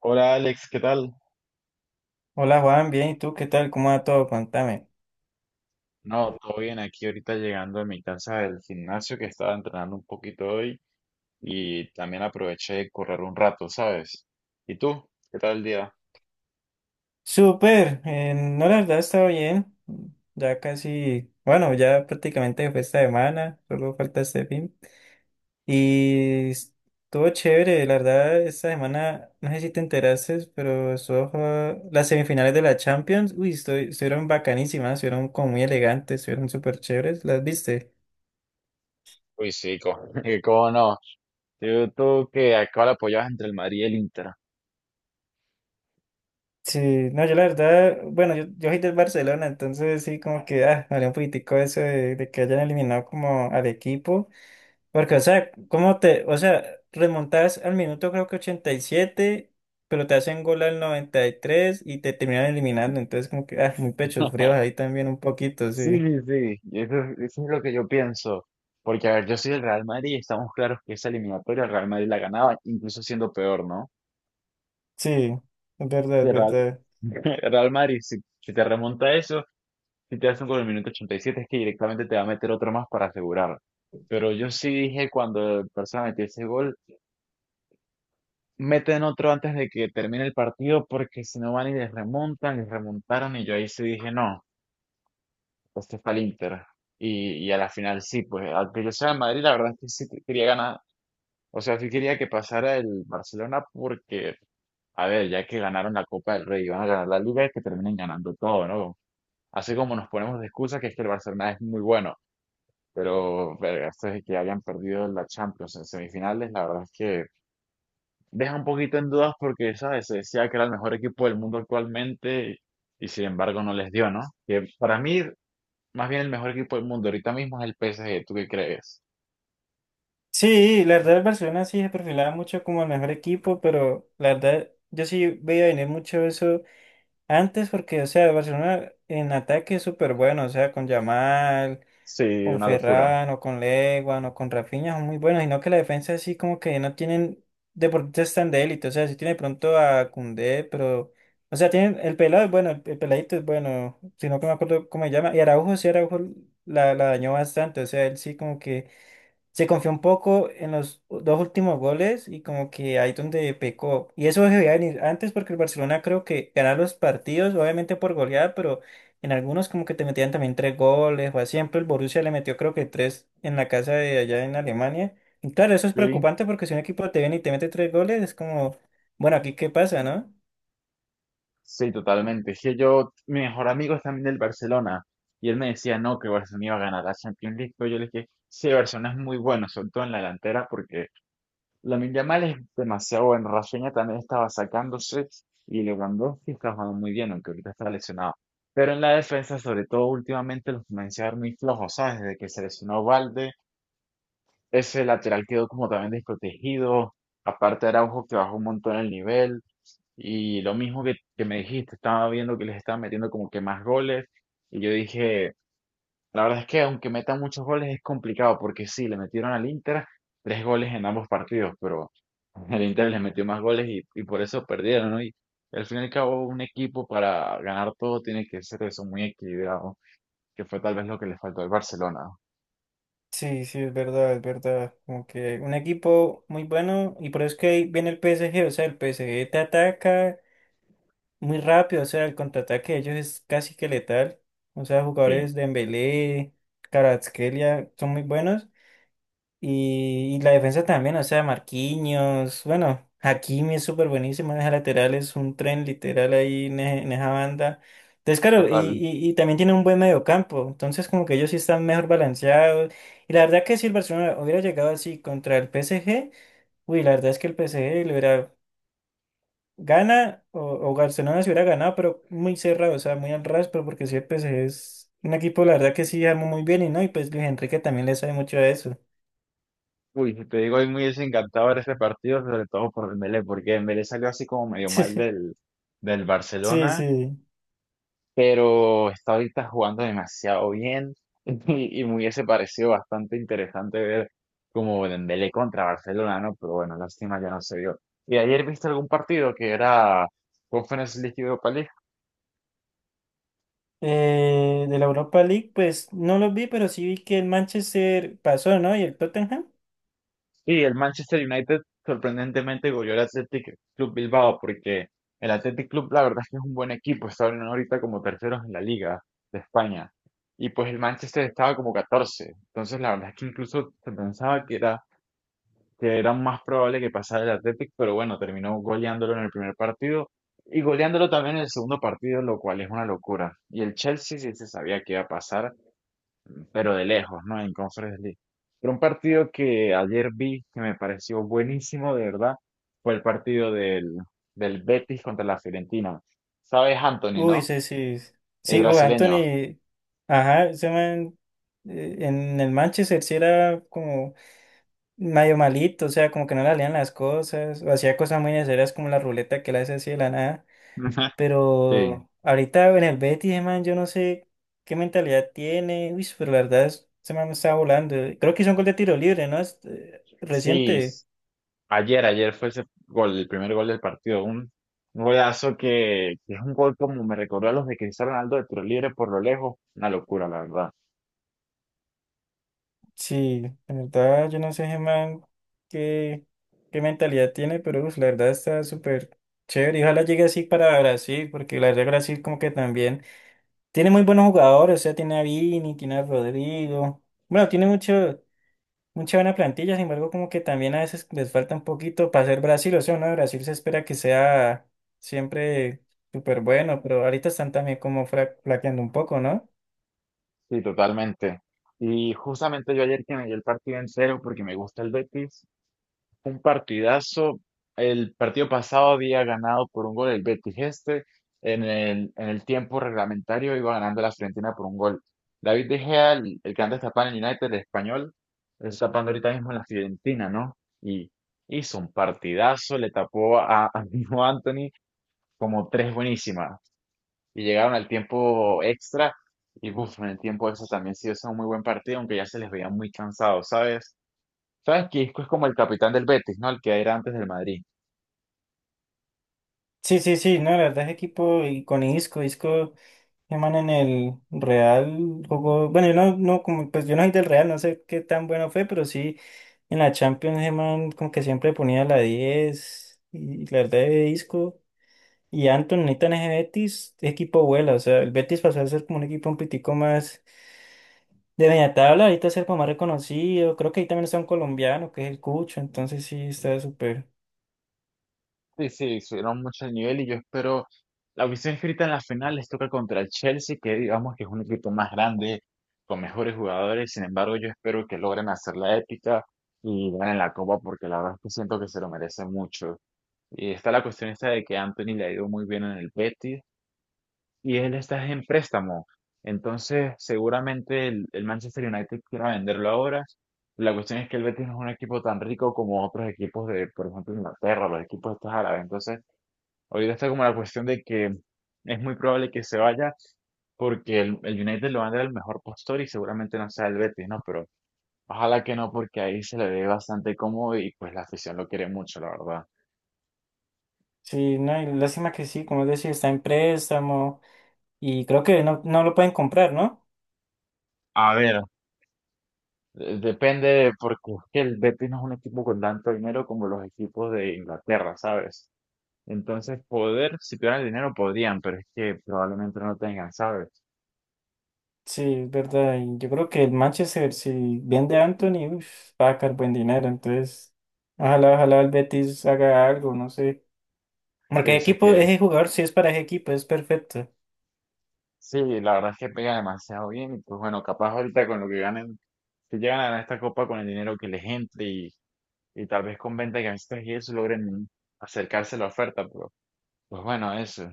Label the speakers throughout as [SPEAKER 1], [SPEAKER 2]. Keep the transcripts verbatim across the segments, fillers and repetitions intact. [SPEAKER 1] Hola Alex, ¿qué tal?
[SPEAKER 2] Hola Juan, bien, ¿y tú qué tal? ¿Cómo va todo? Cuéntame.
[SPEAKER 1] No, todo bien aquí ahorita llegando a mi casa del gimnasio que estaba entrenando un poquito hoy y también aproveché de correr un rato, ¿sabes? ¿Y tú? ¿Qué tal el día?
[SPEAKER 2] Súper, eh, no, la verdad estaba bien, ya casi, bueno, ya prácticamente fue esta semana, solo falta este fin. Y estuvo chévere, la verdad, esta semana, no sé si te enteraste, pero estuvo, jugada- las semifinales de la Champions, uy, estu- estuvieron bacanísimas, estuvieron como muy elegantes, estuvieron súper chéveres, ¿las viste?
[SPEAKER 1] Uy, sí, co- ¿cómo no? Tú, tú que acá la apoyabas entre el Madrid y el Inter.
[SPEAKER 2] Sí, no, yo la verdad, bueno, yo, yo soy del Barcelona, entonces sí, como que, ah, me dolió un poquitico eso de, de que hayan eliminado como al equipo, porque, o sea, ¿cómo te, o sea, remontás al minuto creo que ochenta y siete, pero te hacen gol al noventa y tres y tres y te terminan eliminando, entonces como que, ah, muy pechos fríos ahí también un poquito,
[SPEAKER 1] Sí,
[SPEAKER 2] sí,
[SPEAKER 1] sí, sí, y eso, es- eso es lo que yo pienso. Porque, a ver, yo soy del Real Madrid y estamos claros que esa eliminatoria el Real Madrid la ganaba, incluso siendo peor, ¿no?
[SPEAKER 2] sí, es verdad,
[SPEAKER 1] Si
[SPEAKER 2] es
[SPEAKER 1] el Real,
[SPEAKER 2] verdad.
[SPEAKER 1] el Real Madrid, si, si te remonta eso, si te hacen con el minuto ochenta y siete es que directamente te va a meter otro más para asegurar. Pero yo sí dije cuando el Barça metió ese gol, meten otro antes de que termine el partido porque si no van y les remontan, les remontaron y yo ahí sí dije, no, este es para el Inter. Y, y a la final sí, pues aunque yo sea de Madrid, la verdad es que sí que- quería ganar, o sea, sí quería que pasara el Barcelona porque, a ver, ya que ganaron la Copa del Rey y van a ganar la Liga, es que terminen ganando todo, ¿no? Así como nos ponemos de excusa que es que el Barcelona es muy bueno. Pero, verga, esto de que hayan perdido la Champions en semifinales, la verdad es que deja un poquito en dudas porque, ¿sabes? Se decía que era el mejor equipo del mundo actualmente y, sin embargo, no les dio, ¿no? Que para mí, más bien el mejor equipo del mundo ahorita mismo es el P S G, ¿tú qué crees?
[SPEAKER 2] Sí, la verdad el Barcelona sí se perfilaba mucho como el mejor equipo, pero la verdad yo sí veía venir mucho eso antes porque, o sea, el Barcelona en ataque es súper bueno, o sea, con Yamal,
[SPEAKER 1] Sí,
[SPEAKER 2] con
[SPEAKER 1] una locura.
[SPEAKER 2] Ferran, o con Leguan, o con Rafinha son muy buenos, sino que la defensa así como que no tienen deportistas tan de élite, o sea, sí tiene de pronto a Koundé, pero, o sea, tienen, el pelado es bueno, el, el peladito es bueno, sino que no me acuerdo cómo se llama, y Araujo, sí, Araujo la, la dañó bastante, o sea, él sí como que se confió un poco en los dos últimos goles y como que ahí donde pecó. Y eso debía venir antes porque el Barcelona creo que ganaba los partidos, obviamente por goleada, pero en algunos como que te metían también tres goles o así. Siempre el Borussia le metió creo que tres en la casa de allá en Alemania. Y claro, eso es
[SPEAKER 1] Sí.
[SPEAKER 2] preocupante porque si un equipo te viene y te mete tres goles es como, bueno, aquí qué pasa, ¿no?
[SPEAKER 1] Sí, totalmente. Es que yo, mi mejor amigo es también del Barcelona y él me decía, no, que Barcelona iba a ganar la Champions League, pero yo le dije, sí, Barcelona es muy bueno, sobre todo en la delantera porque Lamine Yamal es demasiado buen. Rafinha también estaba sacándose y Lewandowski está jugando muy bien, aunque ahorita está lesionado. Pero en la defensa, sobre todo últimamente, los comencé a ver muy flojos, ¿sabes? Desde que se lesionó Valde, ese lateral quedó como también desprotegido. Aparte Araujo que bajó un montón el nivel. Y lo mismo que, que me dijiste, estaba viendo que les estaban metiendo como que más goles. Y yo dije, la verdad es que aunque metan muchos goles es complicado, porque sí, le metieron al Inter tres goles en ambos partidos, pero el Inter les metió más goles y, y por eso perdieron, ¿no? Y al fin y al cabo, un equipo para ganar todo tiene que ser eso, muy equilibrado, que fue tal vez lo que le faltó al Barcelona.
[SPEAKER 2] Sí, sí, es verdad, es verdad. Como que un equipo muy bueno y por eso es que ahí viene el P S G, o sea, el P S G te ataca muy rápido, o sea, el contraataque de ellos es casi que letal. O sea,
[SPEAKER 1] Sí.
[SPEAKER 2] jugadores de Dembélé, Kvaratskhelia son muy buenos. Y, y la defensa también, o sea, Marquinhos, bueno, Hakimi es súper buenísimo, esa lateral es un tren literal ahí en, e- en esa banda. Entonces, claro, y,
[SPEAKER 1] Total.
[SPEAKER 2] y, y también tiene un buen mediocampo, entonces como que ellos sí están mejor balanceados. Y la verdad que si el Barcelona hubiera llegado así contra el P S G, uy, la verdad es que el P S G le hubiera gana o, o Barcelona se hubiera ganado, pero muy cerrado, o sea, muy al ras, pero porque sí, el P S G es un equipo, la verdad que sí armó muy bien y no, y pues Luis Enrique también le sabe mucho a eso.
[SPEAKER 1] Uy, si te digo, hoy muy desencantado desencantador ese partido, sobre todo por Dembélé, porque Dembélé salió así como medio mal del, del
[SPEAKER 2] Sí,
[SPEAKER 1] Barcelona
[SPEAKER 2] sí.
[SPEAKER 1] pero está ahorita jugando demasiado bien y, y me hubiese parecido bastante interesante ver como Dembélé contra Barcelona, ¿no? Pero bueno, lástima ya no se dio. ¿Y ayer viste algún partido que era Conference League y Europa League?
[SPEAKER 2] Eh, de la Europa League, pues no los vi, pero sí vi que el Manchester pasó, ¿no? Y el Tottenham.
[SPEAKER 1] Sí, el Manchester United sorprendentemente goleó al Athletic Club Bilbao porque el Athletic Club la verdad es que es un buen equipo, está ahorita como terceros en la liga de España. Y pues el Manchester estaba como catorce. Entonces la verdad es que incluso se pensaba que era que era más probable que pasara el Athletic, pero bueno, terminó goleándolo en el primer partido y goleándolo también en el segundo partido, lo cual es una locura. Y el Chelsea sí se sabía que iba a pasar, pero de lejos, ¿no? En Conference League. Pero un partido que ayer vi que me pareció buenísimo, de verdad, fue el partido del, del Betis contra la Fiorentina. ¿Sabes, Anthony,
[SPEAKER 2] Uy,
[SPEAKER 1] no?
[SPEAKER 2] sí, sí.
[SPEAKER 1] El
[SPEAKER 2] Sí, uy,
[SPEAKER 1] brasileño.
[SPEAKER 2] Anthony. Ajá, ese man, eh, en el Manchester sí era como medio malito, o sea, como que no le salían las cosas, o hacía cosas muy necesarias como la ruleta que le hace así de la nada.
[SPEAKER 1] Sí.
[SPEAKER 2] Pero ahorita en el Betis, ese man, yo no sé qué mentalidad tiene. Uy, pero la verdad, es- ese man está volando. Creo que hizo un gol de tiro libre, ¿no? Es, eh,
[SPEAKER 1] Sí,
[SPEAKER 2] reciente.
[SPEAKER 1] Ayer, ayer fue ese gol, el primer gol del partido. Un, un golazo que, que es un gol como me recordó a los de Cristiano Ronaldo de tiro libre por lo lejos. Una locura, la verdad.
[SPEAKER 2] Sí, la verdad, yo no sé, ese man, qué, qué mentalidad tiene, pero uf, la verdad está súper chévere. Y ojalá llegue así para Brasil, porque la verdad, Brasil, como que también tiene muy buenos jugadores. O sea, tiene a Vini, tiene a Rodrigo. Bueno, tiene mucho. Mucha buena plantilla, sin embargo, como que también a veces les falta un poquito para ser Brasil, o sea, ¿no? Brasil se espera que sea siempre súper bueno, pero ahorita están también como fra- flaqueando un poco, ¿no?
[SPEAKER 1] Sí, totalmente. Y justamente yo ayer que me dio el partido en cero porque me gusta el Betis, un partidazo. El partido pasado había ganado por un gol el Betis este. En el, en el tiempo reglamentario iba ganando la Fiorentina por un gol. David De Gea, el, el que antes tapaba en el United, el español, está tapando ahorita mismo en la Fiorentina, ¿no? Y hizo un partidazo, le tapó a, a mismo Anthony como tres buenísimas. Y llegaron al tiempo extra. Y uf, en el tiempo extra también sí hizo un muy buen partido, aunque ya se les veía muy cansados, ¿sabes? Sabes que Isco es como el capitán del Betis, ¿no? El que era antes del Madrid.
[SPEAKER 2] Sí, sí, sí, no, la verdad es equipo y con Isco, Isco, llaman en el Real, jugó, bueno, yo no, no, como, pues yo no soy del Real, no sé qué tan bueno fue, pero sí, en la Champions, Germán como que siempre ponía la diez y la verdad de Isco. Y Anton Nathan en ese Betis, equipo vuela, o sea, el Betis pasó a ser como un equipo un pitico más de media tabla, ahorita es el como más reconocido, creo que ahí también está un colombiano, que es el Cucho, entonces sí, está súper,
[SPEAKER 1] Sí, sí, subieron mucho el nivel y yo espero. La audición escrita en la final les toca contra el Chelsea, que digamos que es un equipo más grande, con mejores jugadores. Sin embargo, yo espero que logren hacer la épica y ganen la copa, porque la verdad es que siento que se lo merecen mucho. Y está la cuestión esta de que Anthony le ha ido muy bien en el Betis y él está en préstamo. Entonces, seguramente el, el Manchester United quiera venderlo ahora. La cuestión es que el Betis no es un equipo tan rico como otros equipos de, por ejemplo, Inglaterra, los equipos estos árabes. Entonces, ahorita está como la cuestión de que es muy probable que se vaya porque el, el United lo va a dar el mejor postor y seguramente no sea el Betis, ¿no? Pero ojalá que no, porque ahí se le ve bastante cómodo y pues la afición lo quiere mucho, la verdad.
[SPEAKER 2] sí, no, y lástima que sí, como decía, está en préstamo, y creo que no, no lo pueden comprar, ¿no?
[SPEAKER 1] A ver, Eh, depende, porque es que el Betis no es un equipo con tanto dinero como los equipos de Inglaterra, ¿sabes? Entonces, poder, si tuvieran el dinero, podrían, pero es que probablemente no tengan, ¿sabes?
[SPEAKER 2] Sí, es verdad, y yo creo que el Manchester, si vende a Anthony, uf, va a sacar buen dinero, entonces, ojalá, ojalá el Betis haga algo, no sé,
[SPEAKER 1] Se
[SPEAKER 2] porque el
[SPEAKER 1] dice
[SPEAKER 2] equipo,
[SPEAKER 1] que
[SPEAKER 2] ese jugador sí es para ese equipo, es perfecto.
[SPEAKER 1] sí, la verdad es que pega demasiado bien, y pues bueno, capaz ahorita con lo que ganen, si llegan a ganar esta copa con el dinero que les entre y, y tal vez con venta de camisetas y eso logren acercarse a la oferta, pero pues bueno, eso.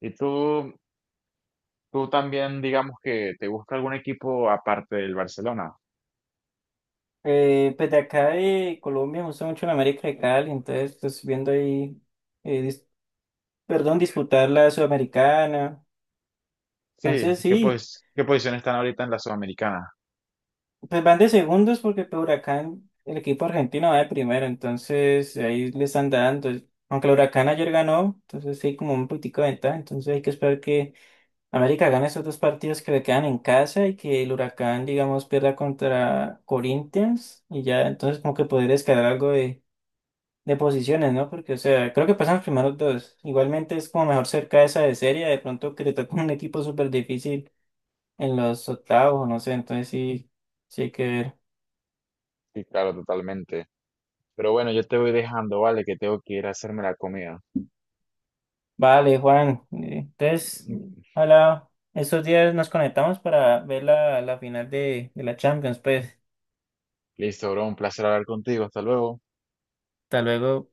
[SPEAKER 1] ¿Y tú, tú también, digamos que te gusta algún equipo aparte del Barcelona?
[SPEAKER 2] Eh, pues de acá de Colombia me gusta mucho la América de Cali, entonces pues viendo ahí, eh, dis- perdón, disputar la Sudamericana.
[SPEAKER 1] Sí,
[SPEAKER 2] Entonces
[SPEAKER 1] ¿qué,
[SPEAKER 2] sí,
[SPEAKER 1] pues, qué posición están ahorita en la Sudamericana?
[SPEAKER 2] pues van de segundos porque por Huracán, el equipo argentino va de primero, entonces ahí le están dando. Aunque el Huracán ayer ganó, entonces sí, como un poquitico de ventaja, entonces hay que esperar que América gane esos dos partidos que le quedan en casa y que el Huracán, digamos, pierda contra Corinthians y ya, entonces como que poder escalar algo de posiciones, ¿no? Porque, o sea, creo que pasan los primeros dos. Igualmente es como mejor cerca esa de serie, de pronto que le toca un equipo súper difícil en los octavos, no sé, entonces sí, sí hay que ver.
[SPEAKER 1] Sí, claro, totalmente. Pero bueno, yo te voy dejando, vale, que tengo que ir a hacerme la comida.
[SPEAKER 2] Vale, Juan, eh, entonces, hola, estos días nos conectamos para ver la, la final de, de la Champions, pues,
[SPEAKER 1] Listo, bro, un placer hablar contigo. Hasta luego.
[SPEAKER 2] hasta luego.